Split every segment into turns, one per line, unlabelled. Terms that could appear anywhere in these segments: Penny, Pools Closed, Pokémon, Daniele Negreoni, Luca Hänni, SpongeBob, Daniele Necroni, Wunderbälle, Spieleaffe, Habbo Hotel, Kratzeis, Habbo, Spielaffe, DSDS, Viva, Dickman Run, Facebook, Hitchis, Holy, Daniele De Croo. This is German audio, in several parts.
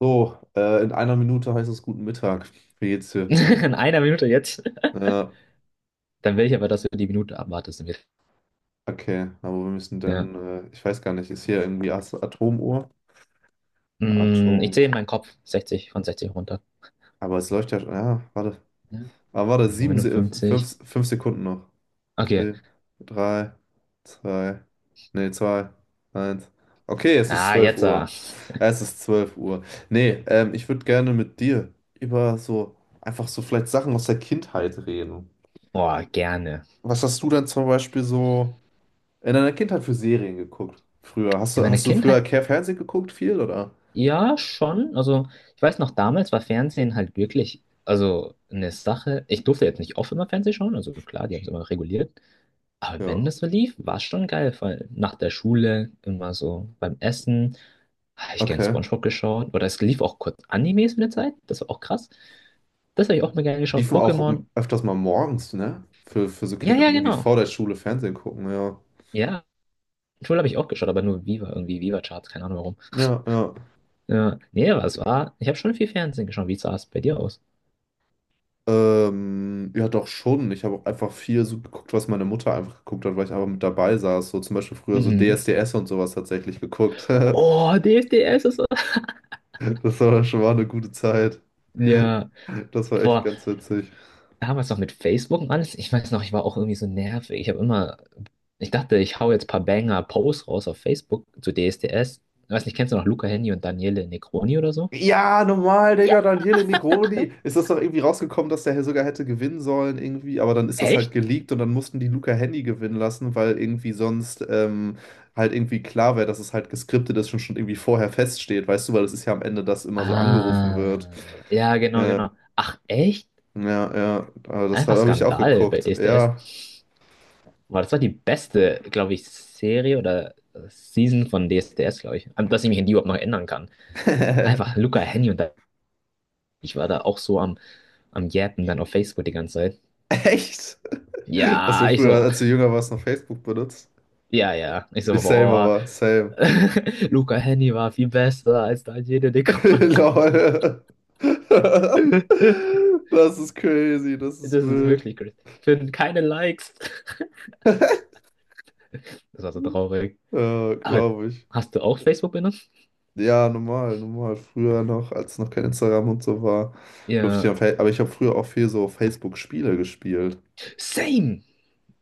So, in einer Minute heißt es guten Mittag. Wie geht's dir?
In einer Minute jetzt.
Ja,
Dann will ich aber, dass du die Minute abwartest.
okay, aber wir müssen
Ja.
dann, ich weiß gar nicht, ist hier irgendwie Atomuhr?
Ich
Atom.
zähle in meinen Kopf 60 von 60 runter.
Aber es läuft ja schon, ja, warte.
Ja.
Aber warte, sieben,
59.
fünf Sekunden noch.
Okay.
Vier, drei, zwei, nee, zwei, eins. Okay, es ist
Ah,
12
jetzt, ah.
Uhr. Es ist 12 Uhr. Nee, ich würde gerne mit dir über so, einfach so vielleicht Sachen aus der Kindheit reden.
Oh, gerne.
Was hast du denn zum Beispiel so in deiner Kindheit für Serien geguckt? Früher. Hast
In
du,
meiner
hast du früher
Kindheit,
Care Fernsehen geguckt viel, oder?
ja, schon. Also, ich weiß noch, damals war Fernsehen halt wirklich, also eine Sache. Ich durfte jetzt nicht oft immer Fernsehen schauen, also klar, die haben es immer reguliert. Aber wenn
Ja.
das so lief, war es schon geil, weil nach der Schule immer so beim Essen. Habe ich gern
Okay.
SpongeBob geschaut. Oder es lief auch kurz Animes mit der Zeit. Das war auch krass. Das habe ich auch mal gerne geschaut.
Liefen auch
Pokémon.
öfters mal morgens, ne? Für so
Ja,
Kinder,
ja,
die irgendwie
genau.
vor der Schule Fernsehen gucken, ja.
Ja. Schule habe ich auch geschaut, aber nur Viva, irgendwie Viva-Charts, keine Ahnung warum.
Ja, ja.
Ja, nee, aber es war. Ich habe schon viel Fernsehen geschaut. Wie sah es bei dir aus?
Ja, doch schon. Ich habe auch einfach viel so geguckt, was meine Mutter einfach geguckt hat, weil ich einfach mit dabei saß. So zum Beispiel früher so
Mhm.
DSDS und sowas tatsächlich geguckt.
Oh, DSDS ist so.
Das war schon mal eine gute Zeit.
Ja.
Das war echt
Boah,
ganz witzig.
damals noch mit Facebook und alles. Ich weiß noch, ich war auch irgendwie so nervig. Ich habe immer. Ich dachte, ich hau jetzt ein paar Banger-Posts raus auf Facebook zu DSDS. Ich weiß nicht, kennst du noch Luca Hänni und Daniele Necroni oder so?
Ja, normal, Digga, Daniele Negreoni. Ist das doch irgendwie rausgekommen, dass der sogar hätte gewinnen sollen, irgendwie. Aber dann ist das halt
Echt?
geleakt und dann mussten die Luca Hänni gewinnen lassen, weil irgendwie sonst halt irgendwie klar wäre, dass es halt geskriptet ist und schon irgendwie vorher feststeht, weißt du, weil das ist ja am Ende, das immer so angerufen wird.
Ah, ja, genau,
Ja,
genau. Ach, echt?
ja, ja. Aber das
Einfach
hab ich auch
Skandal bei D
geguckt.
D S D
Ja.
S. Boah, das war die beste, glaube ich, Serie oder Season von D D S D S, glaube ich. Dass ich mich an die überhaupt noch erinnern kann. Einfach Luca, Henny und ich war da auch so am Jappen dann auf Facebook die ganze Zeit.
Echt? Hast du
Ja, ich
früher,
so,
als du jünger warst, noch Facebook benutzt?
ja, ja. Ich so,
Ich same,
boah,
aber same.
Luca, Henny war viel besser als Daniele De Croo.
Lol. Das ist crazy, das ist
Das ist
wild.
wirklich crazy. Finden keine Likes. Das war so traurig.
Ja,
Aber
glaube ich.
hast du auch Facebook?
Ja, normal, normal. Früher noch, als noch kein Instagram und so war, durfte ich
Ja,
auf, Fa- aber ich habe früher auch viel so auf Facebook-Spiele gespielt.
same.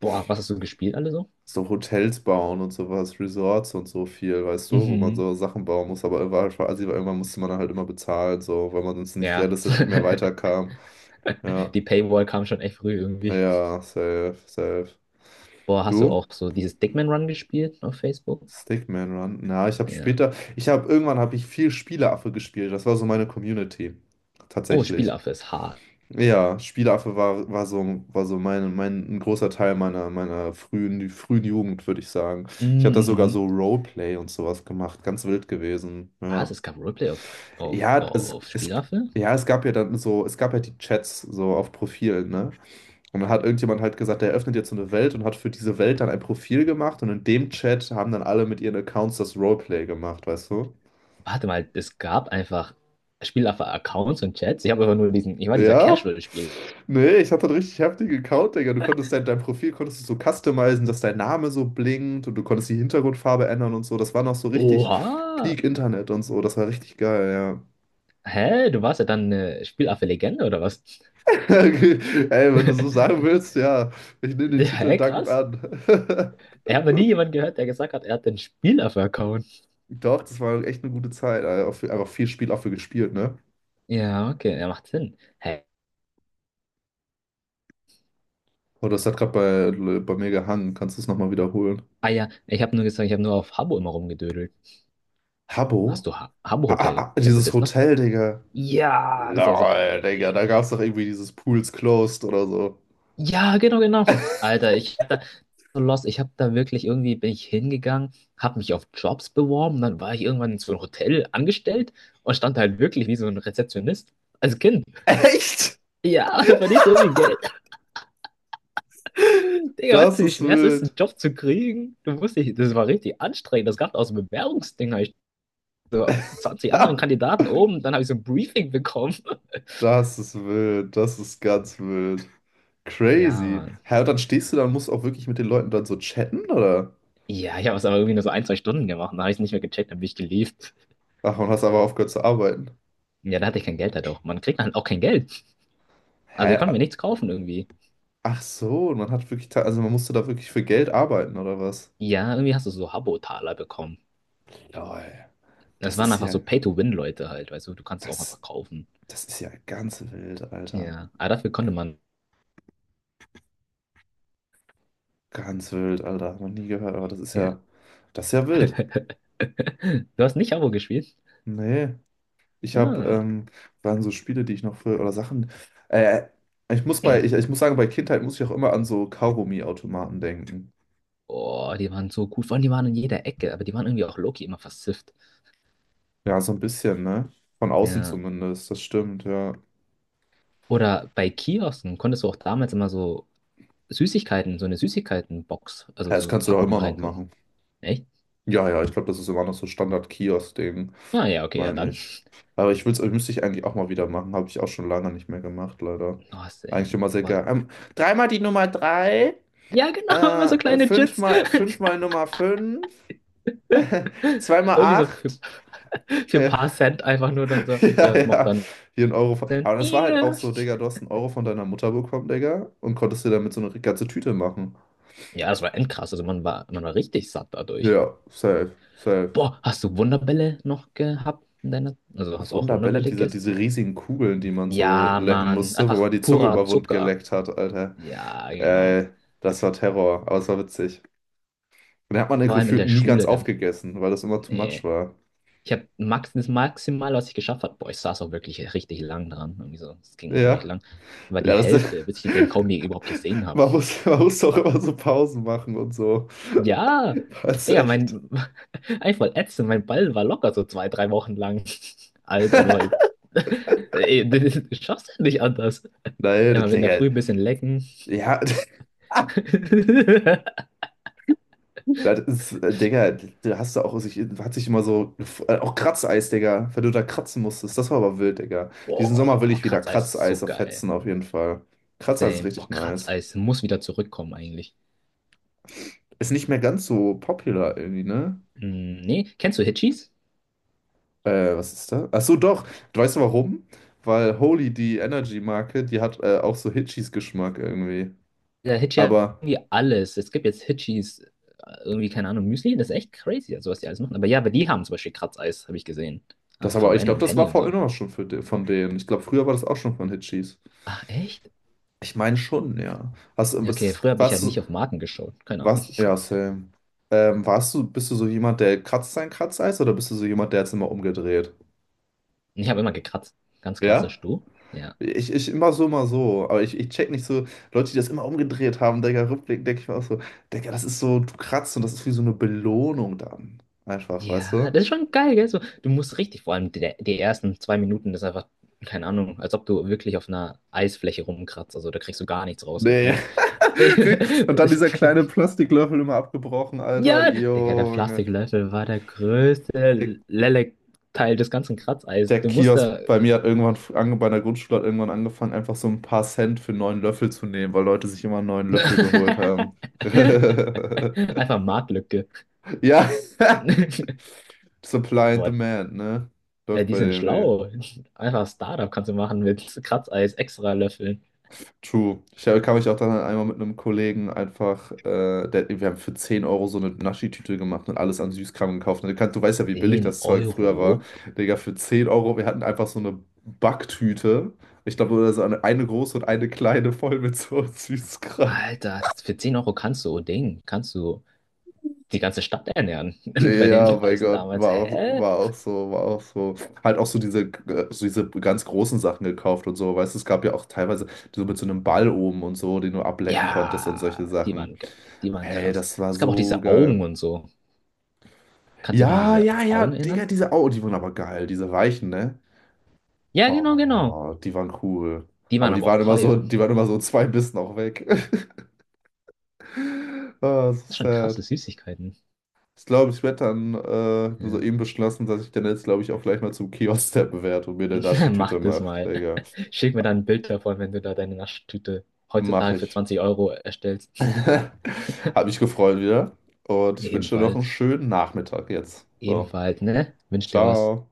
Boah, was hast du gespielt alle so?
So Hotels bauen und sowas, Resorts und so viel, weißt du, wo man
Mhm.
so Sachen bauen muss, aber war einfach assi, weil irgendwann musste man dann halt immer bezahlen, so, weil man sonst nicht
Ja.
realistisch nicht mehr weiterkam. Ja,
Die Paywall kam schon echt früh irgendwie.
ja, safe, safe.
Boah, hast du
Du?
auch so dieses Dickman Run gespielt auf Facebook?
Stickman Run. Na,
Ja.
ich habe irgendwann habe ich viel Spieleaffe gespielt. Das war so meine Community.
Oh,
Tatsächlich.
Spielaffe ist hart.
Ja, Spieleaffe war so ein großer Teil meiner frühen Jugend, würde ich sagen. Ich habe da sogar
Mhm.
so Roleplay und sowas gemacht. Ganz wild gewesen.
Was?
Ja.
Es gab Roleplay auf, auf,
Ja,
auf Spielaffe?
es gab ja die Chats so auf Profilen, ne? Und dann hat irgendjemand halt gesagt, der öffnet jetzt so eine Welt und hat für diese Welt dann ein Profil gemacht und in dem Chat haben dann alle mit ihren Accounts das Roleplay gemacht, weißt du?
Warte mal, es gab einfach Spielaffe-Accounts und Chats. Ich habe einfach nur diesen, ich war dieser
Ja?
Casual-Spiel.
Nee, ich hatte einen richtig heftigen Account, Digga. Du konntest dein Profil konntest du so customizen, dass dein Name so blinkt und du konntest die Hintergrundfarbe ändern und so. Das war noch so richtig
Oha!
Peak Internet und so. Das war richtig geil, ja.
Hä? Du warst ja dann eine Spielaffe-Legende oder was?
Ey, wenn du so sagen willst, ja. Ich nehme den Titel
Hä,
dankend
krass.
an.
Ich habe noch nie jemanden gehört, der gesagt hat, er hat den Spieler-Account.
Doch, das war echt eine gute Zeit. Alter. Auch einfach viel Spiel auch für gespielt, ne?
Ja, okay, er macht Sinn. Hä?
Oh, das hat gerade bei mir gehangen. Kannst du es nochmal wiederholen?
Ah ja, ich habe nur gesagt, ich habe nur auf Habbo immer rumgedödelt. Hast
Habbo?
du ha Habbo
Ah,
Hotel?
ah, ah,
Kennst du
dieses
das noch?
Hotel, Digga.
Ja, das war so
Lol, Digga,
geil.
da gab es doch irgendwie dieses Pools Closed oder so.
Ja, genau, genau. Alter, ich hab da so lost. Ich hab da wirklich irgendwie bin ich hingegangen, hab mich auf Jobs beworben, dann war ich irgendwann in so einem Hotel angestellt und stand halt wirklich wie so ein Rezeptionist als Kind.
Echt?
Ja, da verdienst du irgendwie Geld. Digga, weißt
Das
du, wie
ist
schwer es ist, einen
wild.
Job zu kriegen? Du musst dich, das war richtig anstrengend. Das gab aus dem Bewerbungsding, hab ich so 20 anderen Kandidaten oben, dann habe ich so ein Briefing bekommen.
Das ist wild. Das ist ganz wild.
Ja,
Crazy.
Mann.
Hä, und dann stehst du da und musst auch wirklich mit den Leuten dann so chatten, oder?
Ja, ich habe es aber irgendwie nur so ein, zwei Stunden gemacht. Dann habe ich es nicht mehr gecheckt, dann bin ich gelieft.
Ach, und hast aber aufgehört zu arbeiten.
Ja, da hatte ich kein Geld halt auch. Man kriegt halt auch kein Geld. Also ich
Hä?
konnte mir nichts kaufen irgendwie.
Ach so, und man hat wirklich, also man musste da wirklich für Geld arbeiten, oder was?
Ja, irgendwie hast du so Habbo-Taler bekommen.
Lol.
Das
Das
waren
ist
einfach so
ja.
Pay-to-Win-Leute halt, weißt du, du kannst es auch
Das.
einfach kaufen.
Das ist ja ganz wild, Alter.
Ja, aber dafür konnte man.
Ganz wild, Alter. Hab noch nie gehört, aber das ist
Ja.
ja, das ist ja wild.
Du hast nicht Habbo gespielt?
Nee, ich habe,
Ah.
waren so Spiele, die ich noch für, oder Sachen, äh, ich muss sagen, bei Kindheit muss ich auch immer an so Kaugummi-Automaten denken.
Oh, die waren so gut. Vor allem, die waren in jeder Ecke, aber die waren irgendwie auch Loki immer versifft.
Ja, so ein bisschen, ne? Von außen
Ja.
zumindest, das stimmt, ja. Ja,
Oder bei Kiosken konntest du auch damals immer so Süßigkeiten, so eine Süßigkeitenbox, also
das
so
kannst du doch
Packung
immer noch
reintun.
machen.
Echt?
Ja, ja, ich glaube, das ist immer noch so Standard-Kiosk-Ding,
Ah ja, okay, ja
meine
dann.
ich. Aber ich will's, müsste ich eigentlich auch mal wieder machen. Habe ich auch schon lange nicht mehr gemacht, leider.
Oh,
Eigentlich
same.
immer sehr
What?
geil. Dreimal die Nummer 3,
Ja, genau, immer so kleine Jits.
fünfmal Nummer 5, zweimal
Irgendwie so
8.
für ein
Äh,
paar Cent einfach nur dann so, ja,
ja,
was macht
ja.
dann
Hier ein Euro.
Cent?
Aber das war halt auch
Ja.
so, Digga, du hast einen Euro von deiner Mutter bekommen, Digga, und konntest dir damit so eine ganze Tüte machen.
Ja, das war endkrass. Also man war richtig satt dadurch.
Ja, safe, safe.
Boah, hast du Wunderbälle noch gehabt in deiner? Also hast du auch
Wunderbälle,
Wunderbälle
diese,
gegessen?
diese riesigen Kugeln, die man so
Ja,
lecken
Mann,
musste, wo
einfach
man die Zunge
purer
immer wund
Zucker.
geleckt hat, Alter.
Ja, genau.
Äh, das war Terror, aber es war witzig. Und da hat man den
Vor allem in
gefühlt
der
nie ganz
Schule dann.
aufgegessen, weil das immer too much
Nee.
war.
Ich habe max das Maximal, was ich geschafft habe. Boah, ich saß auch wirklich richtig lang dran. Irgendwie so, das ging auch schon echt
Ja.
lang. War
Ja,
die
das
Hälfte, bis ich den kaum je überhaupt gesehen habe.
man muss doch immer so Pausen machen und so.
Ja,
Das ist
Digga,
echt.
mein. Eigentlich voll ätzend. Mein Ball war locker so zwei, drei Wochen lang alt. Also halt. Ey, das das schaffst du nicht anders.
Nein, das,
Immer wenn der
Digga.
früh ein bisschen lecken.
Ja, Das ist, Digga, da hast du auch sich, hat sich immer so, auch Kratzeis, Digga, wenn du da kratzen musstest, das war aber wild, Digga. Diesen
Boah,
Sommer will
boah,
ich wieder
Kratzeis ist so
Kratzeis auf
geil.
fetzen, auf jeden Fall. Kratzeis ist
Same.
richtig
Boah,
nice.
Kratzeis muss wieder zurückkommen eigentlich.
Ist nicht mehr ganz so popular irgendwie, ne?
Hm, nee, kennst du Hitchis?
Was ist da? Ach so, doch. Du weißt du warum? Weil Holy, die Energy-Marke, die hat auch so Hitchis-Geschmack irgendwie.
Der Hitchi hat
Aber,
irgendwie alles. Es gibt jetzt Hitchis, irgendwie, keine Ahnung, Müsli. Das ist echt crazy, also was die alles machen. Aber ja, aber die haben zum Beispiel Kratzeis, habe ich gesehen. Aber
das
von
aber, ich glaube,
Random
das war
Penny und
vorhin
so.
auch schon für, von denen. Ich glaube, früher war das auch schon von Hitchis.
Ach, echt?
Ich meine schon, ja. Hast, du-
Ja, okay,
was,
früher habe ich halt
was,
nicht auf Marken geschaut. Keine Ahnung.
Was? Ja, same. Bist du so jemand, der kratzt sein Kratzeis oder bist du so jemand, der jetzt immer umgedreht?
Ich habe immer gekratzt. Ganz
Ja?
klassisch, du? Ja.
Ich immer so, immer so. Aber ich check nicht so, Leute, die das immer umgedreht haben, Digga, rückblickend denke ich mir auch so, Digga, das ist so, du kratzt und das ist wie so eine Belohnung dann. Einfach, weißt
Ja,
du?
das ist schon geil, gell? So, du musst richtig, vor allem die, die ersten zwei Minuten, das ist einfach, keine Ahnung, als ob du wirklich auf einer Eisfläche rumkratzt. Also da kriegst du gar nichts
Nee.
rausgefühlt.
Und dann dieser kleine Plastiklöffel immer abgebrochen, Alter.
Ja, Digga, der
Junge.
Plastiklöffel war der größte Lelek-Teil des ganzen Kratzeis.
Der
Du musst
Kiosk
da.
bei mir hat irgendwann, bei der Grundschule hat irgendwann angefangen, einfach so ein paar Cent für einen neuen Löffel zu nehmen, weil Leute sich immer einen neuen Löffel geholt haben.
Einfach Marktlücke.
Ja, Supply and
What?
Demand, ne? Läuft
Die
bei
sind
dem, Digga.
schlau. Einfach Startup kannst du machen mit Kratzeis, extra Löffeln.
True. Ich kam mich auch dann einmal mit einem Kollegen einfach, wir haben für 10 Euro so eine Naschi-Tüte gemacht und alles an Süßkram gekauft. Und du weißt ja, wie billig
Zehn
das Zeug früher war.
Euro?
Digga, für 10 Euro, wir hatten einfach so eine Backtüte. Ich glaube, oder so eine große und eine kleine voll mit so Süßkram.
Alter, für 10 Euro kannst du, oh Ding, kannst du die ganze Stadt ernähren.
Ja, ja,
Bei den
ja, oh mein
Preisen
Gott,
damals. Hä?
war auch so, war auch so. Halt auch so diese ganz großen Sachen gekauft und so, weißt du, es gab ja auch teilweise so mit so einem Ball oben und so, den du ablecken konntest und solche
Ja, die
Sachen.
waren, die waren
Ey,
krass.
das war
Es gab auch
so
diese
geil.
Augen und so. Kannst du dich noch an
Ja,
diese
ja, ja,
Augen
Digga,
erinnern?
die waren aber geil, diese Weichen, ne?
Ja, genau, genau.
Oh, die waren cool.
Die
Aber
waren
die
aber auch
waren immer so,
teuer.
die waren immer so zwei Bissen auch weg. Ah, so
Das ist schon krasse
sad.
Süßigkeiten.
Ich glaube, ich werde dann
Ja.
soeben beschlossen, dass ich dann jetzt, glaube ich, auch gleich mal zum Kiosk steppen werde und mir eine
Mach
Naschi-Tüte
das
mache.
mal.
Digga,
Schick mir dann ein Bild davon, wenn du da deine Naschtüte
mach
heutzutage für
ich.
20 Euro erstellst.
Hab mich gefreut wieder. Und ich wünsche dir noch einen
Ebenfalls.
schönen Nachmittag jetzt. So,
Ebenfalls, ne? Wünsch dir was.
ciao.